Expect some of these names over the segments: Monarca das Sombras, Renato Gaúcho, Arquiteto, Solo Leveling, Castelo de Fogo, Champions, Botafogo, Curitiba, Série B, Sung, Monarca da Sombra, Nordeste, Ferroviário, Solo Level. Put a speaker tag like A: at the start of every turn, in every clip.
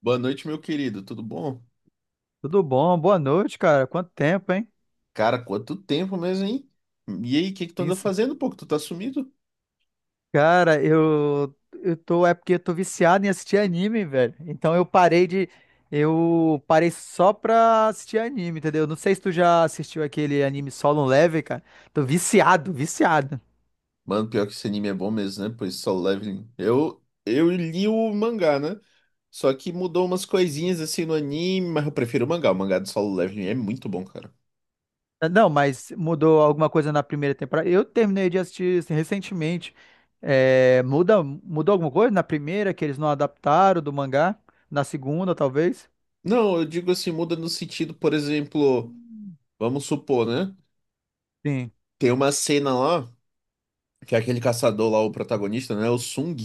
A: Boa noite, meu querido. Tudo bom?
B: Tudo bom? Boa noite, cara. Quanto tempo, hein?
A: Cara, quanto tempo mesmo, hein? E aí, o que que tu anda
B: Isso.
A: fazendo, pô? Que tu tá sumido?
B: Cara, eu tô. É porque eu tô viciado em assistir anime, velho. Então eu parei de. Eu parei só pra assistir anime, entendeu? Não sei se tu já assistiu aquele anime Solo Level, cara. Tô viciado, viciado.
A: Mano, pior que esse anime é bom mesmo, né? Pois Solo Leveling. Eu li o mangá, né? Só que mudou umas coisinhas assim no anime, mas eu prefiro o mangá. O mangá do Solo Leveling é muito bom, cara.
B: Não, mas mudou alguma coisa na primeira temporada. Eu terminei de assistir assim, recentemente. É, mudou alguma coisa na primeira que eles não adaptaram do mangá? Na segunda, talvez?
A: Não, eu digo assim, muda no sentido, por exemplo, vamos supor, né?
B: Sim,
A: Tem uma cena lá, que é aquele caçador lá, o protagonista, né? O Sung.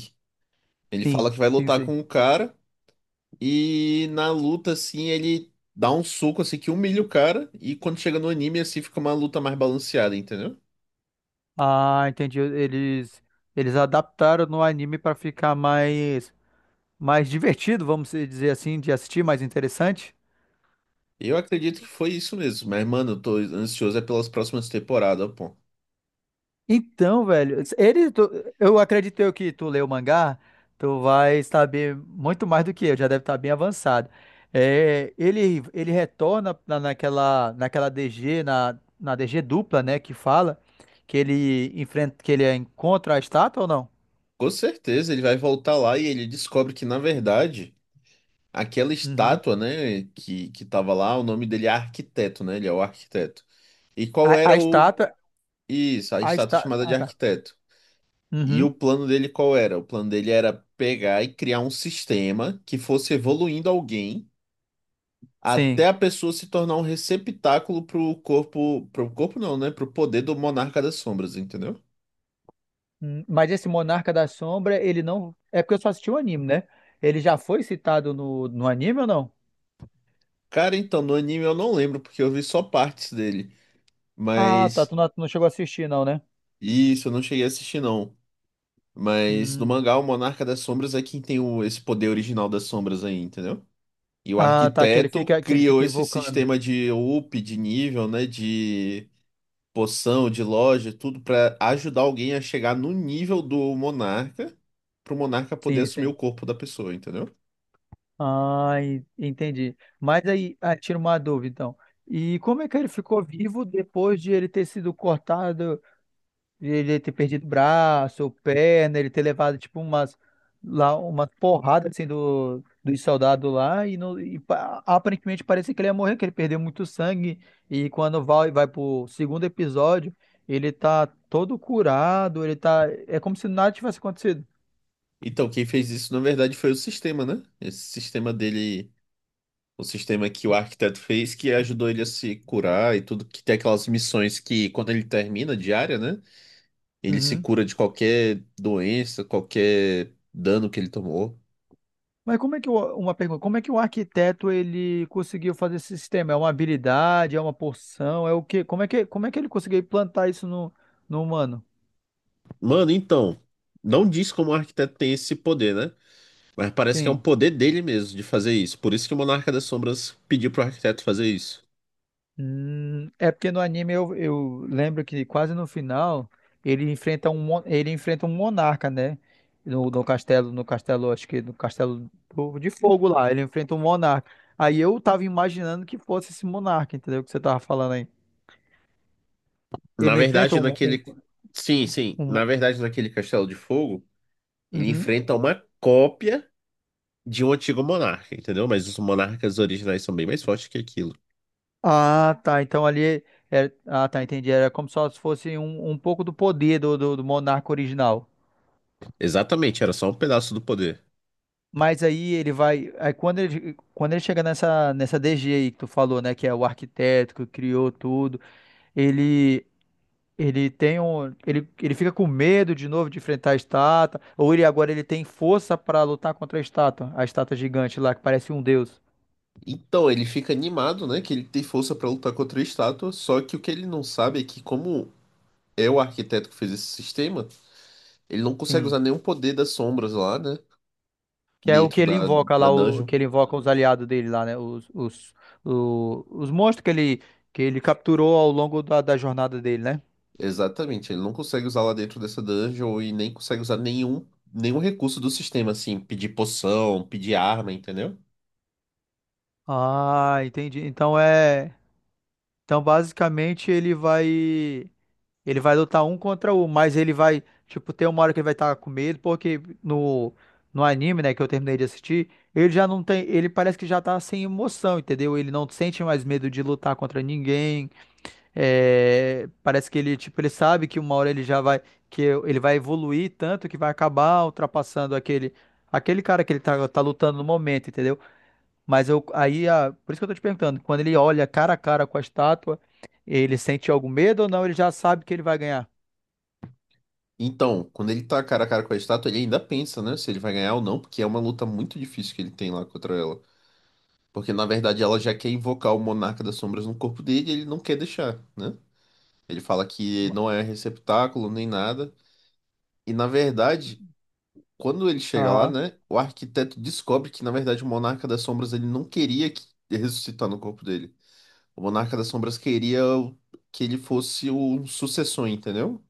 A: Ele fala
B: sim,
A: que vai
B: sim,
A: lutar
B: sim.
A: com o cara. E na luta, assim, ele dá um soco, assim, que humilha o cara. E quando chega no anime, assim, fica uma luta mais balanceada, entendeu?
B: Ah, entendi. Eles adaptaram no anime para ficar mais divertido, vamos dizer assim, de assistir, mais interessante.
A: Eu acredito que foi isso mesmo. Mas, mano, eu tô ansioso é pelas próximas temporadas, pô.
B: Então, velho, eu acredito eu que tu leu o mangá, tu vai saber muito mais do que eu, já deve estar bem avançado. É, ele retorna naquela DG na DG dupla, né, que fala que ele encontra a estátua ou não?
A: Com certeza ele vai voltar lá e ele descobre que, na verdade, aquela
B: Uhum.
A: estátua, né, que tava lá, o nome dele é Arquiteto, né? Ele é o arquiteto. E qual
B: A
A: era o.
B: estátua,
A: Isso, a
B: a
A: estátua
B: estátua,
A: chamada de
B: ah, tá.
A: Arquiteto. E
B: Uhum.
A: o plano dele qual era? O plano dele era pegar e criar um sistema que fosse evoluindo alguém até
B: Sim.
A: a pessoa se tornar um receptáculo pro corpo não, né? Pro poder do Monarca das Sombras, entendeu?
B: Mas esse Monarca da Sombra, ele não. É porque eu só assisti o anime, né? Ele já foi citado no anime ou não?
A: Cara, então no anime eu não lembro porque eu vi só partes dele,
B: Ah, tá.
A: mas
B: Tu não chegou a assistir, não, né?
A: isso eu não cheguei a assistir não. Mas no
B: Hum.
A: mangá o Monarca das Sombras é quem tem o, esse poder original das sombras aí, entendeu? E o
B: Ah, tá.
A: arquiteto
B: Que ele
A: criou
B: fica
A: esse
B: invocando.
A: sistema de up, de nível, né? De poção, de loja, tudo pra ajudar alguém a chegar no nível do monarca, pro monarca poder
B: Sim,
A: assumir o
B: sim.
A: corpo da pessoa, entendeu?
B: Ah, entendi. Mas aí, ah, tira uma dúvida, então. E como é que ele ficou vivo depois de ele ter sido cortado? Ele ter perdido braço ou perna, ele ter levado, tipo, umas, lá, uma porrada, assim, dos soldados lá, e, não, e pa- aparentemente parecia que ele ia morrer, que ele perdeu muito sangue, e quando vai pro segundo episódio, ele tá todo curado, ele tá. . . É como se nada tivesse acontecido.
A: Então, quem fez isso, na verdade, foi o sistema, né? Esse sistema dele, o sistema que o arquiteto fez, que ajudou ele a se curar e tudo, que tem aquelas missões que, quando ele termina diária, né? Ele se
B: Uhum.
A: cura de qualquer doença, qualquer dano que ele tomou.
B: Mas como é que uma pergunta, como é que o arquiteto ele conseguiu fazer esse sistema? É uma habilidade, é uma porção, é o quê? Como é que ele conseguiu implantar isso no humano?
A: Mano, então, não diz como o arquiteto tem esse poder, né? Mas parece que é um
B: Sim.
A: poder dele mesmo de fazer isso. Por isso que o Monarca das Sombras pediu pro arquiteto fazer isso.
B: É porque no anime eu lembro que quase no final ele enfrenta ele enfrenta um monarca, né? No castelo, no castelo, acho que no castelo de fogo lá, ele enfrenta um monarca. Aí eu tava imaginando que fosse esse monarca, entendeu? O que você tava falando aí. Ele
A: Na
B: não enfrenta
A: verdade,
B: um, mon- um,
A: naquele. Sim, sim.
B: um
A: Na
B: mon-
A: verdade, naquele Castelo de Fogo, ele
B: Uhum.
A: enfrenta uma cópia de um antigo monarca, entendeu? Mas os monarcas originais são bem mais fortes que aquilo.
B: Ah, tá. Então ali tá, entendi. Era como se fosse um pouco do poder do monarca original.
A: Exatamente, era só um pedaço do poder.
B: Mas aí ele vai. Quando ele chega nessa DG aí que tu falou, né? Que é o arquiteto que criou tudo, ele. Ele tem ele fica com medo de novo de enfrentar a estátua, ou ele agora ele tem força para lutar contra a estátua gigante lá que parece um deus.
A: Então, ele fica animado, né? Que ele tem força pra lutar contra a estátua. Só que o que ele não sabe é que, como é o arquiteto que fez esse sistema, ele não consegue
B: Sim,
A: usar nenhum poder das sombras lá, né?
B: que é o que
A: Dentro
B: ele
A: da,
B: invoca
A: da
B: lá, o
A: dungeon.
B: que ele invoca os aliados dele lá, né? Os monstros que ele capturou ao longo da jornada dele, né?
A: Exatamente, ele não consegue usar lá dentro dessa dungeon e nem consegue usar nenhum, nenhum recurso do sistema, assim, pedir poção, pedir arma, entendeu?
B: Ah, entendi. Então, basicamente, ele vai. Ele vai lutar um contra um, mas ele vai. Tipo, ter uma hora que ele vai estar com medo, porque no anime, né, que eu terminei de assistir, ele já não tem. Ele parece que já tá sem emoção, entendeu? Ele não sente mais medo de lutar contra ninguém. É, parece que ele, tipo, ele sabe que uma hora ele já vai. Que ele vai evoluir tanto que vai acabar ultrapassando aquele. Aquele cara que ele tá lutando no momento, entendeu? Por isso que eu tô te perguntando, quando ele olha cara a cara com a estátua, ele sente algum medo ou não? Ele já sabe que ele vai ganhar?
A: Então, quando ele tá cara a cara com a estátua, ele ainda pensa, né, se ele vai ganhar ou não, porque é uma luta muito difícil que ele tem lá contra ela. Porque, na verdade, ela já quer invocar o Monarca das Sombras no corpo dele e ele não quer deixar, né? Ele fala que não é receptáculo nem nada. E, na verdade, quando ele chega lá,
B: Aham.
A: né, o arquiteto descobre que, na verdade, o Monarca das Sombras ele não queria que ressuscitar no corpo dele. O Monarca das Sombras queria que ele fosse o sucessor, entendeu?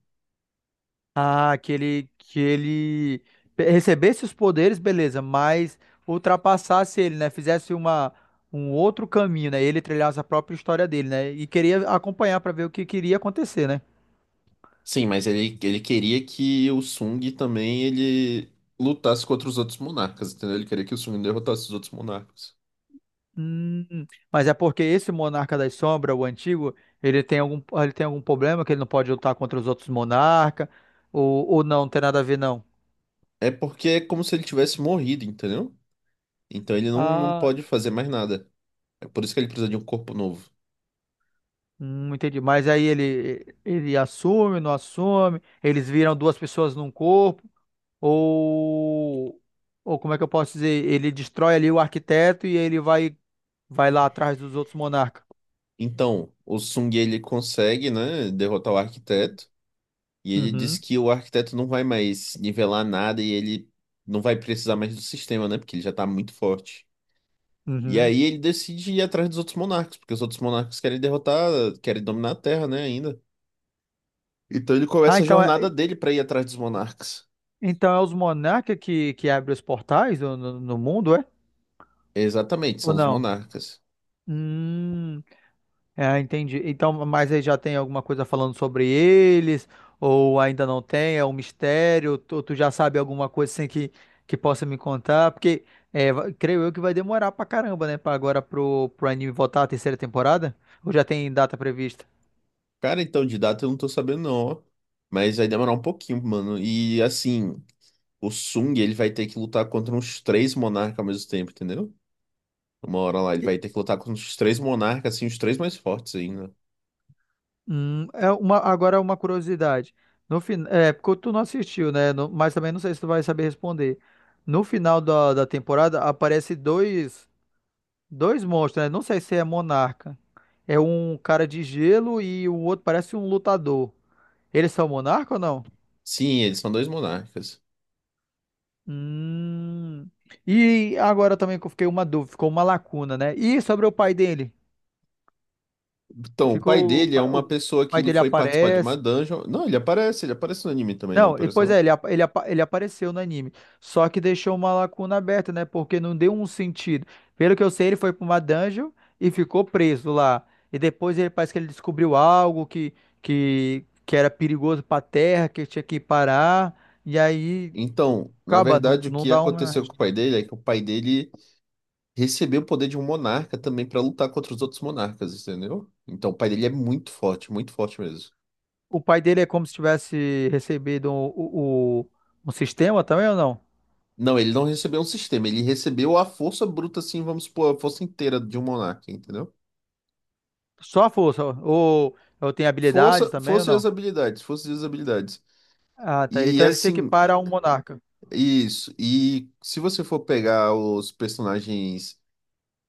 B: Ah, que ele recebesse os poderes, beleza, mas ultrapassasse ele, né? Fizesse um outro caminho, né? Ele trilhasse a própria história dele, né? E queria acompanhar para ver o que queria acontecer, né?
A: Sim, mas ele queria que o Sung também ele lutasse contra os outros monarcas, entendeu? Ele queria que o Sung derrotasse os outros monarcas.
B: Mas é porque esse Monarca das Sombras, o antigo, ele tem algum problema que ele não pode lutar contra os outros monarcas, ou não, não tem nada a ver, não.
A: É porque é como se ele tivesse morrido, entendeu? Então ele não, não
B: Ah,
A: pode fazer mais nada. É por isso que ele precisa de um corpo novo.
B: entendi. Mas aí ele assume, não assume, eles viram duas pessoas num corpo, ou, ou como é que eu posso dizer? Ele destrói ali o arquiteto e ele vai, vai lá atrás dos outros monarcas.
A: Então, o Sung ele consegue, né, derrotar o arquiteto. E ele diz
B: Uhum,
A: que o arquiteto não vai mais nivelar nada e ele não vai precisar mais do sistema, né? Porque ele já tá muito forte. E
B: uhum.
A: aí ele decide ir atrás dos outros monarcas, porque os outros monarcas querem derrotar, querem dominar a Terra, né, ainda. Então ele
B: Ah,
A: começa a jornada dele pra ir atrás dos monarcas.
B: então é os monarcas que abrem os portais no mundo, é?
A: Exatamente,
B: Ou
A: são os
B: não?
A: monarcas.
B: Hum, é, entendi. Então, mas aí já tem alguma coisa falando sobre eles? Ou ainda não tem? É um mistério? Tu já sabe alguma coisa assim que possa me contar? Porque é, creio eu que vai demorar pra caramba, né? Pra agora pro anime voltar à terceira temporada? Ou já tem data prevista?
A: Cara, então de data eu não tô sabendo não, ó. Mas vai demorar um pouquinho, mano. E assim, o Sung, ele vai ter que lutar contra uns três monarcas ao mesmo tempo, entendeu? Uma hora lá, ele
B: E-
A: vai ter que lutar contra os três monarcas, assim, os três mais fortes ainda.
B: É uma, agora é uma curiosidade. No fin. . . é, porque tu não assistiu, né? Mas também não sei se tu vai saber responder. No final da temporada aparece dois. Dois monstros, né? Não sei se é monarca. É um cara de gelo e o outro parece um lutador. Eles são monarca ou não?
A: Sim, eles são dois monarcas.
B: Hum. E agora também que eu fiquei uma dúvida, ficou uma lacuna, né? E sobre o pai dele?
A: Então, o pai
B: Ficou o,
A: dele é
B: pa-
A: uma
B: o
A: pessoa que
B: pai
A: ele
B: dele
A: foi participar de uma
B: aparece.
A: dungeon. Não, ele aparece no anime também, não
B: Não, e
A: aparece
B: pois é,
A: não?
B: ele apareceu no anime. Só que deixou uma lacuna aberta, né? Porque não deu um sentido. Pelo que eu sei, ele foi pra uma dungeon e ficou preso lá. E depois ele parece que ele descobriu algo que era perigoso pra terra, que tinha que parar. E aí,
A: Então, na
B: acaba, não,
A: verdade, o
B: não
A: que
B: dá uma.
A: aconteceu com o pai dele é que o pai dele recebeu o poder de um monarca também pra lutar contra os outros monarcas, entendeu? Então, o pai dele é muito forte mesmo.
B: O pai dele é como se tivesse recebido o um sistema também ou não?
A: Não, ele não recebeu um sistema, ele recebeu a força bruta, assim, vamos supor, a força inteira de um monarca, entendeu?
B: Só a força. Ou tem habilidade
A: Força,
B: também ou
A: força e
B: não?
A: as habilidades, força e as habilidades.
B: Ah, tá.
A: E
B: Então ele se
A: assim,
B: equipara a um monarca.
A: isso. E se você for pegar os personagens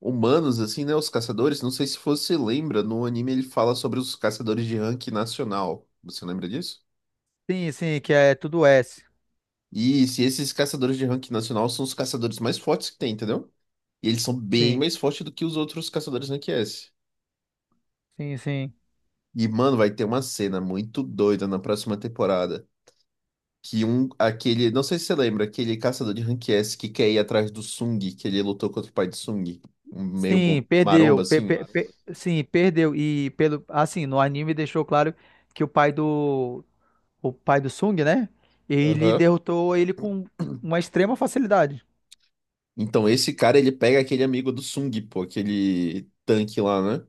A: humanos, assim, né? Os caçadores. Não sei se você lembra, no anime ele fala sobre os caçadores de rank nacional. Você lembra disso?
B: Sim, sim, que é tudo S.
A: E se esses caçadores de rank nacional são os caçadores mais fortes que tem, entendeu? E eles são bem
B: Sim,
A: mais fortes do que os outros caçadores rank S.
B: sim, sim.
A: E, mano, vai ter uma cena muito doida na próxima temporada. Que um, aquele, não sei se você lembra, aquele caçador de rank S que quer ir atrás do Sung, que ele lutou contra o pai de Sung, um meio
B: Sim,
A: maromba
B: perdeu.
A: assim.
B: Claro, sim, perdeu. E pelo, assim, no anime deixou claro que o pai o pai do Sung, né? Ele
A: Aham.
B: derrotou ele com uma extrema facilidade.
A: Então, esse cara, ele pega aquele amigo do Sung, pô, aquele tanque lá, né?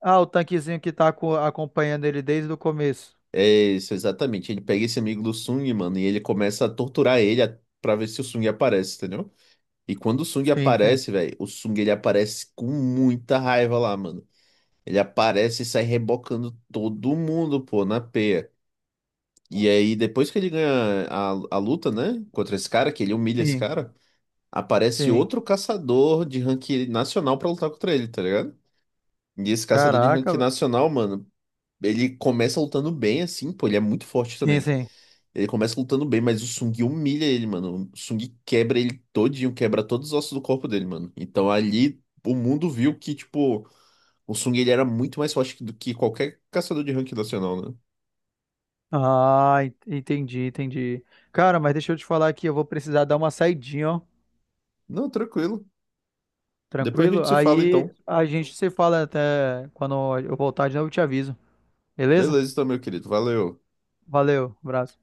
B: Ah, o tanquezinho que tá acompanhando ele desde o começo.
A: É isso, exatamente. Ele pega esse amigo do Sung, mano, e ele começa a torturar ele pra ver se o Sung aparece, entendeu? E quando o Sung
B: Sim, sim,
A: aparece, velho, o Sung, ele aparece com muita raiva lá, mano. Ele aparece e sai rebocando todo mundo, pô, na peia. E aí, depois que ele ganha a luta, né, contra esse cara, que ele humilha esse
B: sim,
A: cara, aparece
B: sim.
A: outro caçador de ranking nacional pra lutar contra ele, tá ligado? E esse caçador de rank
B: Caraca, velho.
A: nacional, mano, ele começa lutando bem, assim, pô, ele é muito forte
B: Sim,
A: também.
B: sim.
A: Ele começa lutando bem, mas o Sung humilha ele, mano. O Sung quebra ele todinho, quebra todos os ossos do corpo dele, mano. Então ali o mundo viu que, tipo, o Sung ele era muito mais forte do que qualquer caçador de rank nacional, né?
B: Ah, entendi, entendi. Cara, mas deixa eu te falar aqui, eu vou precisar dar uma saidinha, ó.
A: Não, tranquilo. Depois a
B: Tranquilo?
A: gente se fala,
B: Aí
A: então.
B: a gente se fala até quando eu voltar de novo, eu te aviso. Beleza?
A: Beleza, então, meu querido. Valeu.
B: Valeu, abraço.